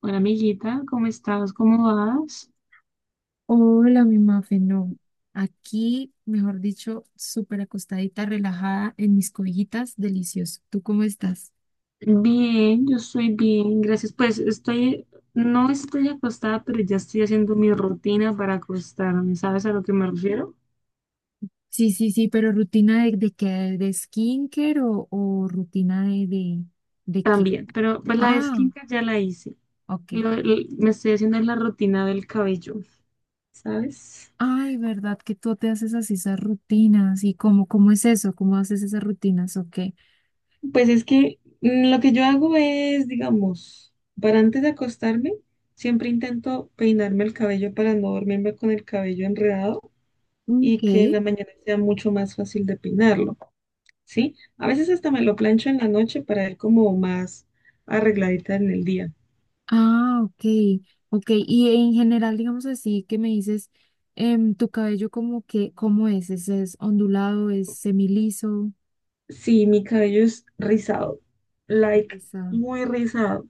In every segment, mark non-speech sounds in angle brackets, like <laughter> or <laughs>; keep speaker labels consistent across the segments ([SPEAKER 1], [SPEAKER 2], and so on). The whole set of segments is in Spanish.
[SPEAKER 1] Hola, amiguita, ¿cómo estás? ¿Cómo vas?
[SPEAKER 2] Hola, mi mafe, no. Aquí, mejor dicho, súper acostadita, relajada en mis cobijitas, delicioso. ¿Tú cómo estás?
[SPEAKER 1] Bien, yo estoy bien, gracias. No estoy acostada, pero ya estoy haciendo mi rutina para acostarme. ¿Sabes a lo que me refiero?
[SPEAKER 2] Sí, sí, sí, pero rutina de qué, de skincare o rutina de qué?
[SPEAKER 1] También, pero pues la de
[SPEAKER 2] Ah,
[SPEAKER 1] skincare ya la hice.
[SPEAKER 2] ok.
[SPEAKER 1] Me estoy haciendo la rutina del cabello, ¿sabes?
[SPEAKER 2] Ay, ¿verdad que tú te haces así esas rutinas? ¿Y cómo es eso? ¿Cómo haces esas rutinas? Ok.
[SPEAKER 1] Pues es que lo que yo hago es, digamos, para antes de acostarme, siempre intento peinarme el cabello para no dormirme con el cabello enredado,
[SPEAKER 2] Ok.
[SPEAKER 1] y que en la mañana sea mucho más fácil de peinarlo, ¿sí? A veces hasta me lo plancho en la noche para ir como más arregladita en el día.
[SPEAKER 2] Ah, ok, ok. Y en general, digamos así, que me dices, tu cabello como que, ¿cómo es? ¿Es ondulado? ¿Es semiliso?
[SPEAKER 1] Sí, mi cabello es rizado, like
[SPEAKER 2] Está-
[SPEAKER 1] muy rizado,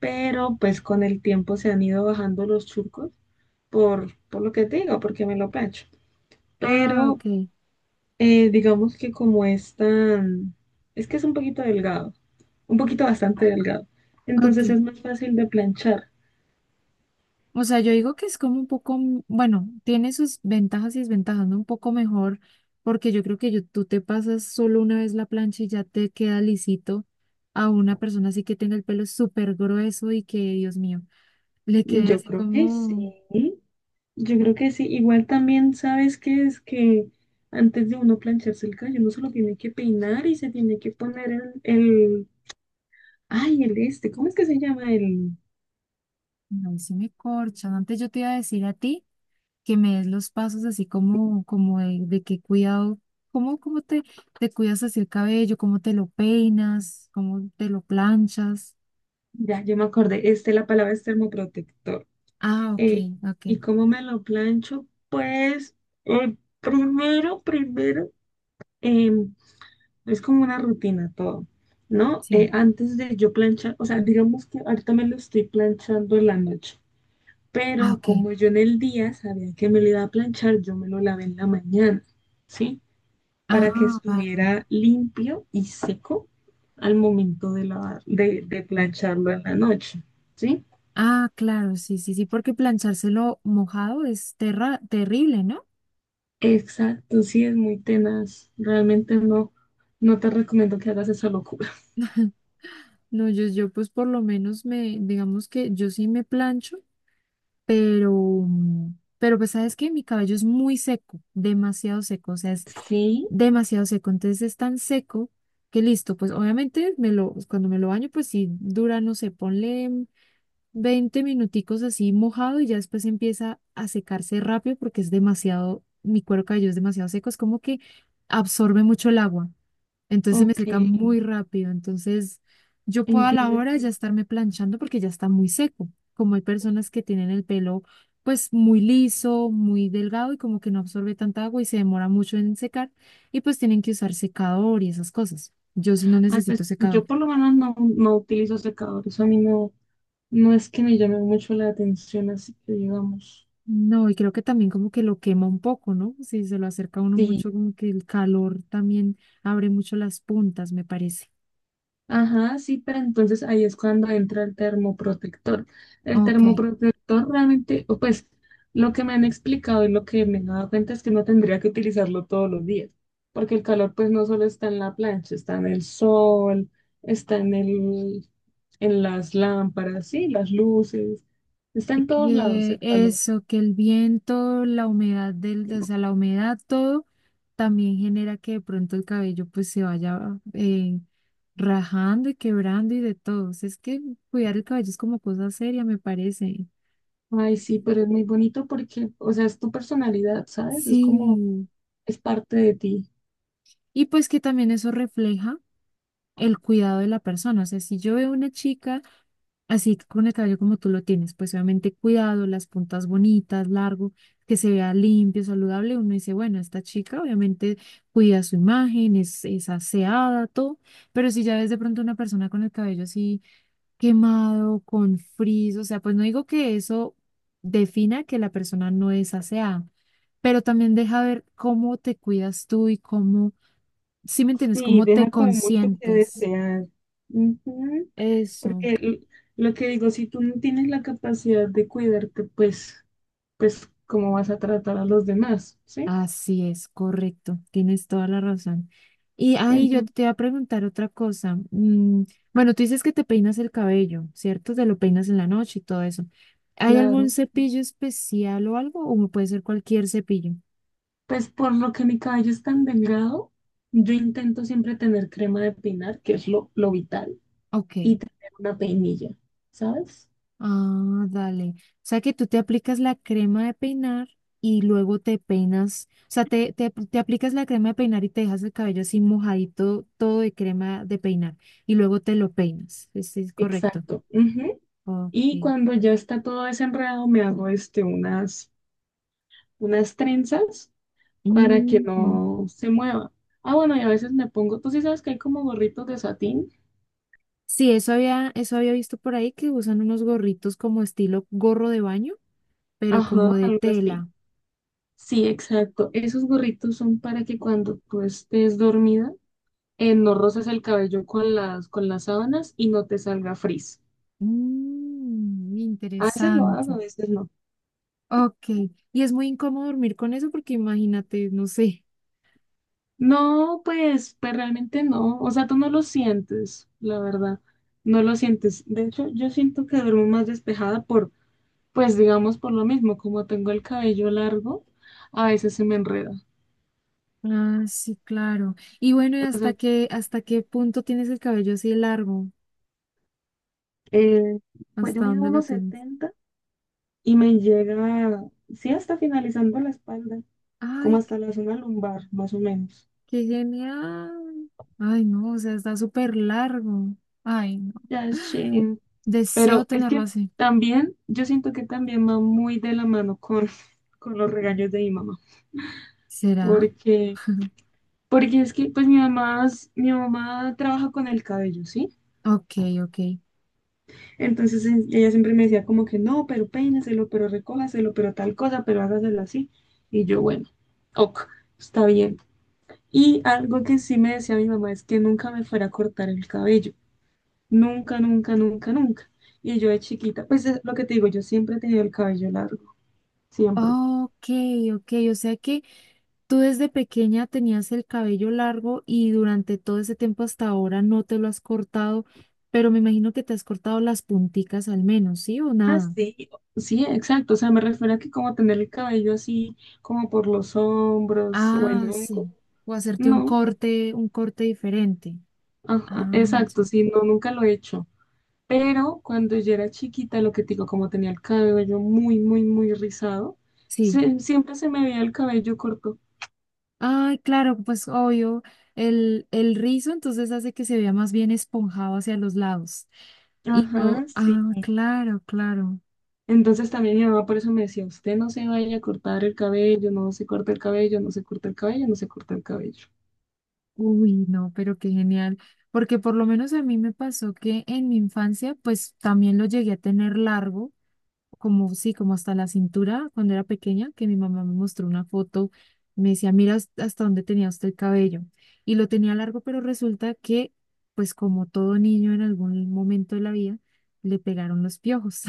[SPEAKER 1] pero pues con el tiempo se han ido bajando los churcos por lo que te digo, porque me lo plancho.
[SPEAKER 2] Ah,
[SPEAKER 1] Pero
[SPEAKER 2] ok,
[SPEAKER 1] digamos que como es tan, es que es un poquito delgado, un poquito bastante delgado,
[SPEAKER 2] ok.
[SPEAKER 1] entonces es más fácil de planchar.
[SPEAKER 2] O sea, yo digo que es como un poco, bueno, tiene sus ventajas y desventajas, ¿no? Un poco mejor, porque yo creo que tú te pasas solo una vez la plancha y ya te queda lisito a una persona así que tenga el pelo súper grueso y que, Dios mío, le quede
[SPEAKER 1] Yo
[SPEAKER 2] así
[SPEAKER 1] creo que sí.
[SPEAKER 2] como...
[SPEAKER 1] Yo creo que sí, igual también sabes que es que antes de uno plancharse el cabello, uno se lo tiene que peinar y se tiene que poner ay, el este, ¿cómo es que se llama el?
[SPEAKER 2] No, sí me corchan. Antes yo te iba a decir a ti que me des los pasos así como, como de qué cuidado, cómo, cómo te, te cuidas así el cabello, cómo te lo peinas, cómo te lo planchas.
[SPEAKER 1] Ya, yo me acordé, este, la palabra es termoprotector.
[SPEAKER 2] Ah, ok,
[SPEAKER 1] Eh,
[SPEAKER 2] ok,
[SPEAKER 1] ¿Y cómo me lo plancho? Pues, eh, primero, primero, eh, es como una rutina todo, ¿no?
[SPEAKER 2] sí.
[SPEAKER 1] Antes de yo planchar, o sea, digamos que ahorita me lo estoy planchando en la noche,
[SPEAKER 2] Ah,
[SPEAKER 1] pero
[SPEAKER 2] ok.
[SPEAKER 1] como yo en el día sabía que me lo iba a planchar, yo me lo lavé en la mañana, ¿sí? Para que
[SPEAKER 2] Ah, vale.
[SPEAKER 1] estuviera limpio y seco al momento de, lavar, de plancharlo en la noche, ¿sí?
[SPEAKER 2] Ah, claro, sí, sí, sí, porque planchárselo mojado es terra terrible, ¿no?
[SPEAKER 1] Exacto, sí, es muy tenaz. Realmente no te recomiendo que hagas esa locura.
[SPEAKER 2] <laughs> No, yo pues por lo menos digamos que yo sí me plancho pero, pero pues sabes que mi cabello es muy seco, demasiado seco, o sea, es
[SPEAKER 1] Sí,
[SPEAKER 2] demasiado seco, entonces es tan seco que listo, pues obviamente me lo, cuando me lo baño, pues sí dura, no sé, ponle 20 minuticos así mojado y ya después empieza a secarse rápido porque es demasiado, mi cuero cabelludo es demasiado seco, es como que absorbe mucho el agua. Entonces se me seca
[SPEAKER 1] ok,
[SPEAKER 2] muy rápido. Entonces yo puedo a la
[SPEAKER 1] entiendo,
[SPEAKER 2] hora ya
[SPEAKER 1] entiendo.
[SPEAKER 2] estarme planchando porque ya está muy seco. Como hay personas que tienen el pelo pues muy liso, muy delgado y como que no absorbe tanta agua y se demora mucho en secar y pues tienen que usar secador y esas cosas. Yo sí no
[SPEAKER 1] Ay,
[SPEAKER 2] necesito
[SPEAKER 1] pues,
[SPEAKER 2] secador.
[SPEAKER 1] yo por lo menos no utilizo secador, eso a mí no es que me llame mucho la atención, así que digamos.
[SPEAKER 2] No, y creo que también como que lo quema un poco, ¿no? Si se lo acerca a uno
[SPEAKER 1] Sí.
[SPEAKER 2] mucho, como que el calor también abre mucho las puntas, me parece.
[SPEAKER 1] Ajá, sí, pero entonces ahí es cuando entra el termoprotector. El
[SPEAKER 2] Ok.
[SPEAKER 1] termoprotector realmente, o pues lo que me han explicado y lo que me he dado cuenta es que no tendría que utilizarlo todos los días, porque el calor pues no solo está en la plancha, está en el sol, está en las lámparas, sí, las luces, está en todos lados
[SPEAKER 2] Que
[SPEAKER 1] el calor.
[SPEAKER 2] eso, que el viento, la humedad del, o sea, la humedad, todo, también genera que de pronto el cabello pues se vaya rajando y quebrando y de todo. O sea, es que cuidar el cabello es como cosa seria, me parece.
[SPEAKER 1] Ay, sí, pero es muy bonito porque, o sea, es tu personalidad, ¿sabes? Es como,
[SPEAKER 2] Sí.
[SPEAKER 1] es parte de ti.
[SPEAKER 2] Y pues que también eso refleja el cuidado de la persona. O sea, si yo veo una chica así con el cabello como tú lo tienes, pues obviamente cuidado, las puntas bonitas, largo, que se vea limpio, saludable, uno dice, bueno, esta chica obviamente cuida su imagen, es aseada, todo, pero si ya ves de pronto una persona con el cabello así quemado, con frizz, o sea, pues no digo que eso defina que la persona no es aseada, pero también deja ver cómo te cuidas tú y cómo, si me entiendes,
[SPEAKER 1] Sí,
[SPEAKER 2] cómo te
[SPEAKER 1] deja como mucho que
[SPEAKER 2] consientes.
[SPEAKER 1] desear. Ujú.
[SPEAKER 2] Eso,
[SPEAKER 1] Porque lo que digo, si tú no tienes la capacidad de cuidarte, pues, pues, ¿cómo vas a tratar a los demás? ¿Sí?
[SPEAKER 2] así es, correcto, tienes toda la razón. Y ahí yo
[SPEAKER 1] Entonces,
[SPEAKER 2] te iba a preguntar otra cosa. Mm, bueno, tú dices que te peinas el cabello, ¿cierto? Te lo peinas en la noche y todo eso. ¿Hay algún
[SPEAKER 1] claro,
[SPEAKER 2] cepillo especial o algo? ¿O puede ser cualquier cepillo?
[SPEAKER 1] pues por lo que mi cabello es tan delgado, yo intento siempre tener crema de peinar, que es lo vital,
[SPEAKER 2] Ok.
[SPEAKER 1] y tener una peinilla, ¿sabes?
[SPEAKER 2] Ah, dale. O sea que tú te aplicas la crema de peinar y luego te peinas, o sea, te aplicas la crema de peinar y te dejas el cabello así mojadito, todo de crema de peinar, y luego te lo peinas. Sí, es correcto.
[SPEAKER 1] Exacto. Ujú.
[SPEAKER 2] Ok.
[SPEAKER 1] Y cuando ya está todo desenredado, me hago este, unas trenzas para que
[SPEAKER 2] Ujú.
[SPEAKER 1] no se mueva. Ah, bueno, y a veces me pongo, tú sí sabes que hay como gorritos de satín.
[SPEAKER 2] Sí, eso había visto por ahí que usan unos gorritos como estilo gorro de baño, pero
[SPEAKER 1] Ajá,
[SPEAKER 2] como de
[SPEAKER 1] algo así.
[SPEAKER 2] tela.
[SPEAKER 1] Sí, exacto. Esos gorritos son para que cuando tú estés dormida, no roces el cabello con con las sábanas y no te salga frizz.
[SPEAKER 2] Mm,
[SPEAKER 1] A veces lo hago,
[SPEAKER 2] interesante.
[SPEAKER 1] a veces no.
[SPEAKER 2] Ok. Y es muy incómodo dormir con eso porque imagínate, no sé.
[SPEAKER 1] No, pues, pues realmente no. O sea, tú no lo sientes, la verdad. No lo sientes. De hecho, yo siento que duermo más despejada. Pues digamos por lo mismo, como tengo el cabello largo, a veces se me enreda.
[SPEAKER 2] Ah, sí, claro. Y bueno, ¿y
[SPEAKER 1] O
[SPEAKER 2] hasta
[SPEAKER 1] sea,
[SPEAKER 2] qué, hasta qué punto tienes el cabello así largo?
[SPEAKER 1] eh, pues yo
[SPEAKER 2] ¿Hasta
[SPEAKER 1] mido
[SPEAKER 2] dónde lo
[SPEAKER 1] unos
[SPEAKER 2] tienes?
[SPEAKER 1] 70 y me llega, sí, hasta finalizando la espalda, como
[SPEAKER 2] Ay, qué
[SPEAKER 1] hasta la zona lumbar, más o menos.
[SPEAKER 2] qué genial. Ay, no, o sea, está súper largo. Ay, no.
[SPEAKER 1] Ya,
[SPEAKER 2] <gasps>
[SPEAKER 1] sí.
[SPEAKER 2] Deseo
[SPEAKER 1] Pero es
[SPEAKER 2] tenerlo
[SPEAKER 1] que
[SPEAKER 2] así.
[SPEAKER 1] también, yo siento que también va muy de la mano con, <laughs> con los regaños de mi mamá,
[SPEAKER 2] ¿Será?
[SPEAKER 1] porque, porque es que pues mi mamá, mi mamá trabaja con el cabello, ¿sí?
[SPEAKER 2] Ok, ok.
[SPEAKER 1] Entonces ella siempre me decía como que no, pero peínaselo, pero recójaselo, pero tal cosa, pero hágaselo así. Y yo, bueno, ok, está bien. Y algo que sí me decía mi mamá es que nunca me fuera a cortar el cabello. Nunca, nunca, nunca, nunca. Y yo de chiquita, pues es lo que te digo, yo siempre he tenido el cabello largo, siempre.
[SPEAKER 2] Ok, ok. O sea que tú desde pequeña tenías el cabello largo y durante todo ese tiempo hasta ahora no te lo has cortado, pero me imagino que te has cortado las punticas al menos, ¿sí o
[SPEAKER 1] Ah,
[SPEAKER 2] nada?
[SPEAKER 1] sí, sí, exacto. O sea, me refiero a que como tener el cabello así, como por los hombros o
[SPEAKER 2] Ah,
[SPEAKER 1] en hongo.
[SPEAKER 2] sí. O hacerte
[SPEAKER 1] No,
[SPEAKER 2] un corte diferente.
[SPEAKER 1] ajá,
[SPEAKER 2] Ah,
[SPEAKER 1] exacto,
[SPEAKER 2] sí.
[SPEAKER 1] sí, no, nunca lo he hecho. Pero cuando yo era chiquita, lo que te digo, como tenía el cabello muy, muy, muy rizado,
[SPEAKER 2] Sí.
[SPEAKER 1] siempre se me veía el cabello corto.
[SPEAKER 2] Ay, claro, pues obvio, el rizo entonces hace que se vea más bien esponjado hacia los lados. Y
[SPEAKER 1] Ajá,
[SPEAKER 2] yo,
[SPEAKER 1] sí.
[SPEAKER 2] ah, claro, claro.
[SPEAKER 1] Entonces también mi mamá por eso me decía, usted no se vaya a cortar el cabello, no se corta el cabello, no se corta el cabello, no se corta el cabello.
[SPEAKER 2] Uy, no, pero qué genial. Porque por lo menos a mí me pasó que en mi infancia, pues también lo llegué a tener largo. Como sí, como hasta la cintura cuando era pequeña, que mi mamá me mostró una foto, me decía, mira hasta dónde tenía usted el cabello. Y lo tenía largo, pero resulta que, pues como todo niño en algún momento de la vida, le pegaron los piojos.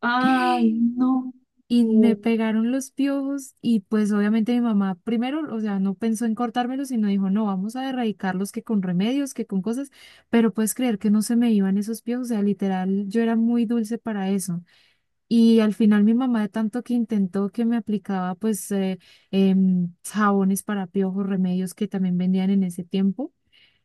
[SPEAKER 1] Ay,
[SPEAKER 2] <laughs>
[SPEAKER 1] no.
[SPEAKER 2] Y me pegaron los piojos y pues obviamente mi mamá primero, o sea, no pensó en cortármelos, sino dijo, no, vamos a erradicarlos que con remedios, que con cosas, pero puedes creer que no se me iban esos piojos, o sea, literal, yo era muy dulce para eso. Y al final mi mamá de tanto que intentó que me aplicaba pues jabones para piojos, remedios que también vendían en ese tiempo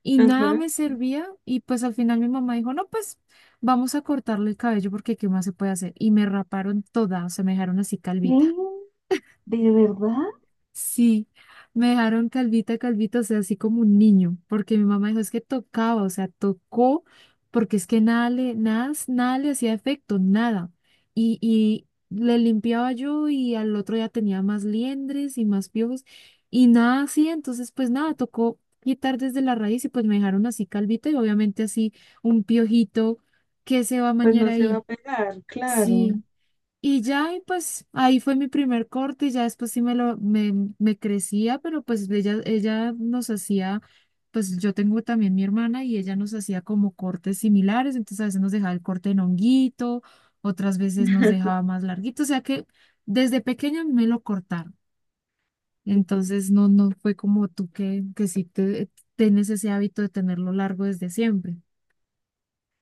[SPEAKER 2] y nada
[SPEAKER 1] Ajá.
[SPEAKER 2] me servía y pues al final mi mamá dijo, no, pues vamos a cortarle el cabello porque qué más se puede hacer. Y me raparon toda, o sea, me dejaron así
[SPEAKER 1] ¿Qué?
[SPEAKER 2] calvita.
[SPEAKER 1] ¿De verdad?
[SPEAKER 2] Sí, me dejaron calvita, calvita, o sea, así como un niño, porque mi mamá dijo, es que tocaba, o sea, tocó, porque es que nada le, nada, nada le hacía efecto, nada. Y le limpiaba yo y al otro ya tenía más liendres y más piojos y nada así, entonces pues nada, tocó quitar desde la raíz y pues me dejaron así calvita y obviamente así un piojito que se va a
[SPEAKER 1] Pues
[SPEAKER 2] mañar
[SPEAKER 1] no se va
[SPEAKER 2] ahí.
[SPEAKER 1] a pegar, claro.
[SPEAKER 2] Sí. Y ya, y pues ahí fue mi primer corte y ya después sí me crecía, pero pues ella nos hacía, pues yo tengo también mi hermana y ella nos hacía como cortes similares, entonces a veces nos dejaba el corte en honguito, otras veces nos dejaba más larguito, o sea que desde pequeña me lo cortaron, entonces no, no fue como tú que, que tienes ese hábito de tenerlo largo desde siempre.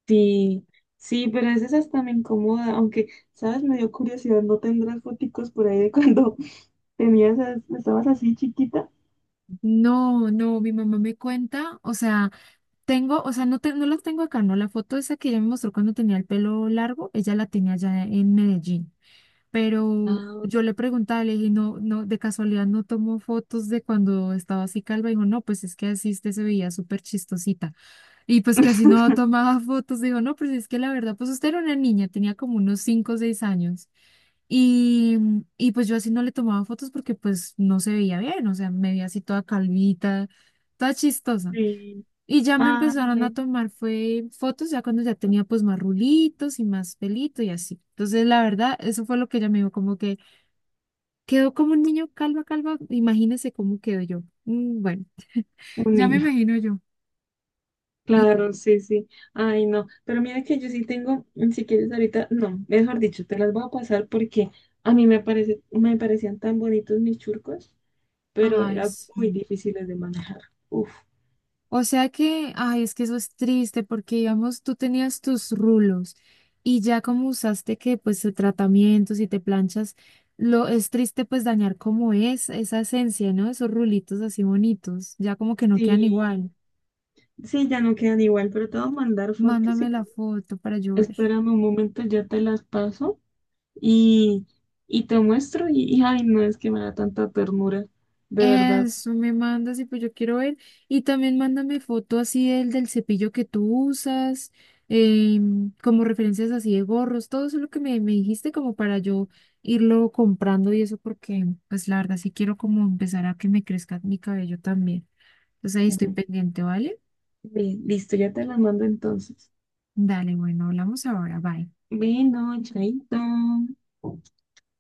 [SPEAKER 1] Sí, sí, pero a veces hasta me incomoda, aunque, ¿sabes? Me dio curiosidad, ¿no tendrás foticos por ahí de cuando <laughs> tenías, estabas así chiquita?
[SPEAKER 2] No, no, mi mamá me cuenta, o sea... Tengo, o sea, no, no la tengo acá, no. La foto esa que ella me mostró cuando tenía el pelo largo, ella la tenía allá en Medellín. Pero
[SPEAKER 1] Ah,
[SPEAKER 2] yo le preguntaba, le dije, no, no, de casualidad no tomó fotos de cuando estaba así calva. Dijo, no, pues es que así usted se veía súper chistosita. Y pues que así no tomaba <laughs> fotos. Dijo, no, pues es que la verdad, pues usted era una niña, tenía como unos 5 o 6 años. Y, y pues yo así no le tomaba fotos porque pues no se veía bien, o sea, me veía así toda calvita, toda chistosa.
[SPEAKER 1] sí,
[SPEAKER 2] Y ya me empezaron a
[SPEAKER 1] ay,
[SPEAKER 2] tomar fue fotos ya cuando ya tenía pues más rulitos y más pelito y así. Entonces, la verdad, eso fue lo que ella me dijo, como que quedó como un niño calva, calva. Imagínese cómo quedo yo. Bueno, <laughs>
[SPEAKER 1] un
[SPEAKER 2] ya me
[SPEAKER 1] niño,
[SPEAKER 2] imagino yo. Y,
[SPEAKER 1] claro, sí, sí, ay, no, pero mira que yo sí tengo, mm, si quieres ahorita, no, mejor dicho, te las voy a pasar porque a mí me parece, me parecían tan bonitos mis churcos, pero
[SPEAKER 2] ay,
[SPEAKER 1] eran muy
[SPEAKER 2] sí.
[SPEAKER 1] difíciles de manejar, uf,
[SPEAKER 2] O sea que, ay, es que eso es triste porque, digamos, tú tenías tus rulos y ya como usaste que, pues, tratamientos y te planchas, lo es triste pues dañar como es esa esencia, ¿no? Esos rulitos así bonitos, ya como que no quedan
[SPEAKER 1] sí,
[SPEAKER 2] igual.
[SPEAKER 1] sí, ya no quedan igual, pero te voy a mandar fotos
[SPEAKER 2] Mándame
[SPEAKER 1] y
[SPEAKER 2] la foto para yo ver.
[SPEAKER 1] espérame un momento, ya te las paso y, y te muestro. Ay, no es que me da tanta ternura, de verdad.
[SPEAKER 2] Eso me mandas y pues yo quiero ver. Y también mándame foto así del, del cepillo que tú usas, como referencias así de gorros, todo eso lo que me dijiste como para yo irlo comprando y eso porque pues la verdad sí quiero como empezar a que me crezca mi cabello también. Entonces ahí estoy
[SPEAKER 1] Bueno,
[SPEAKER 2] pendiente, ¿vale?
[SPEAKER 1] listo, ya te las mando entonces.
[SPEAKER 2] Dale, bueno, hablamos ahora, bye.
[SPEAKER 1] Bueno, chaito.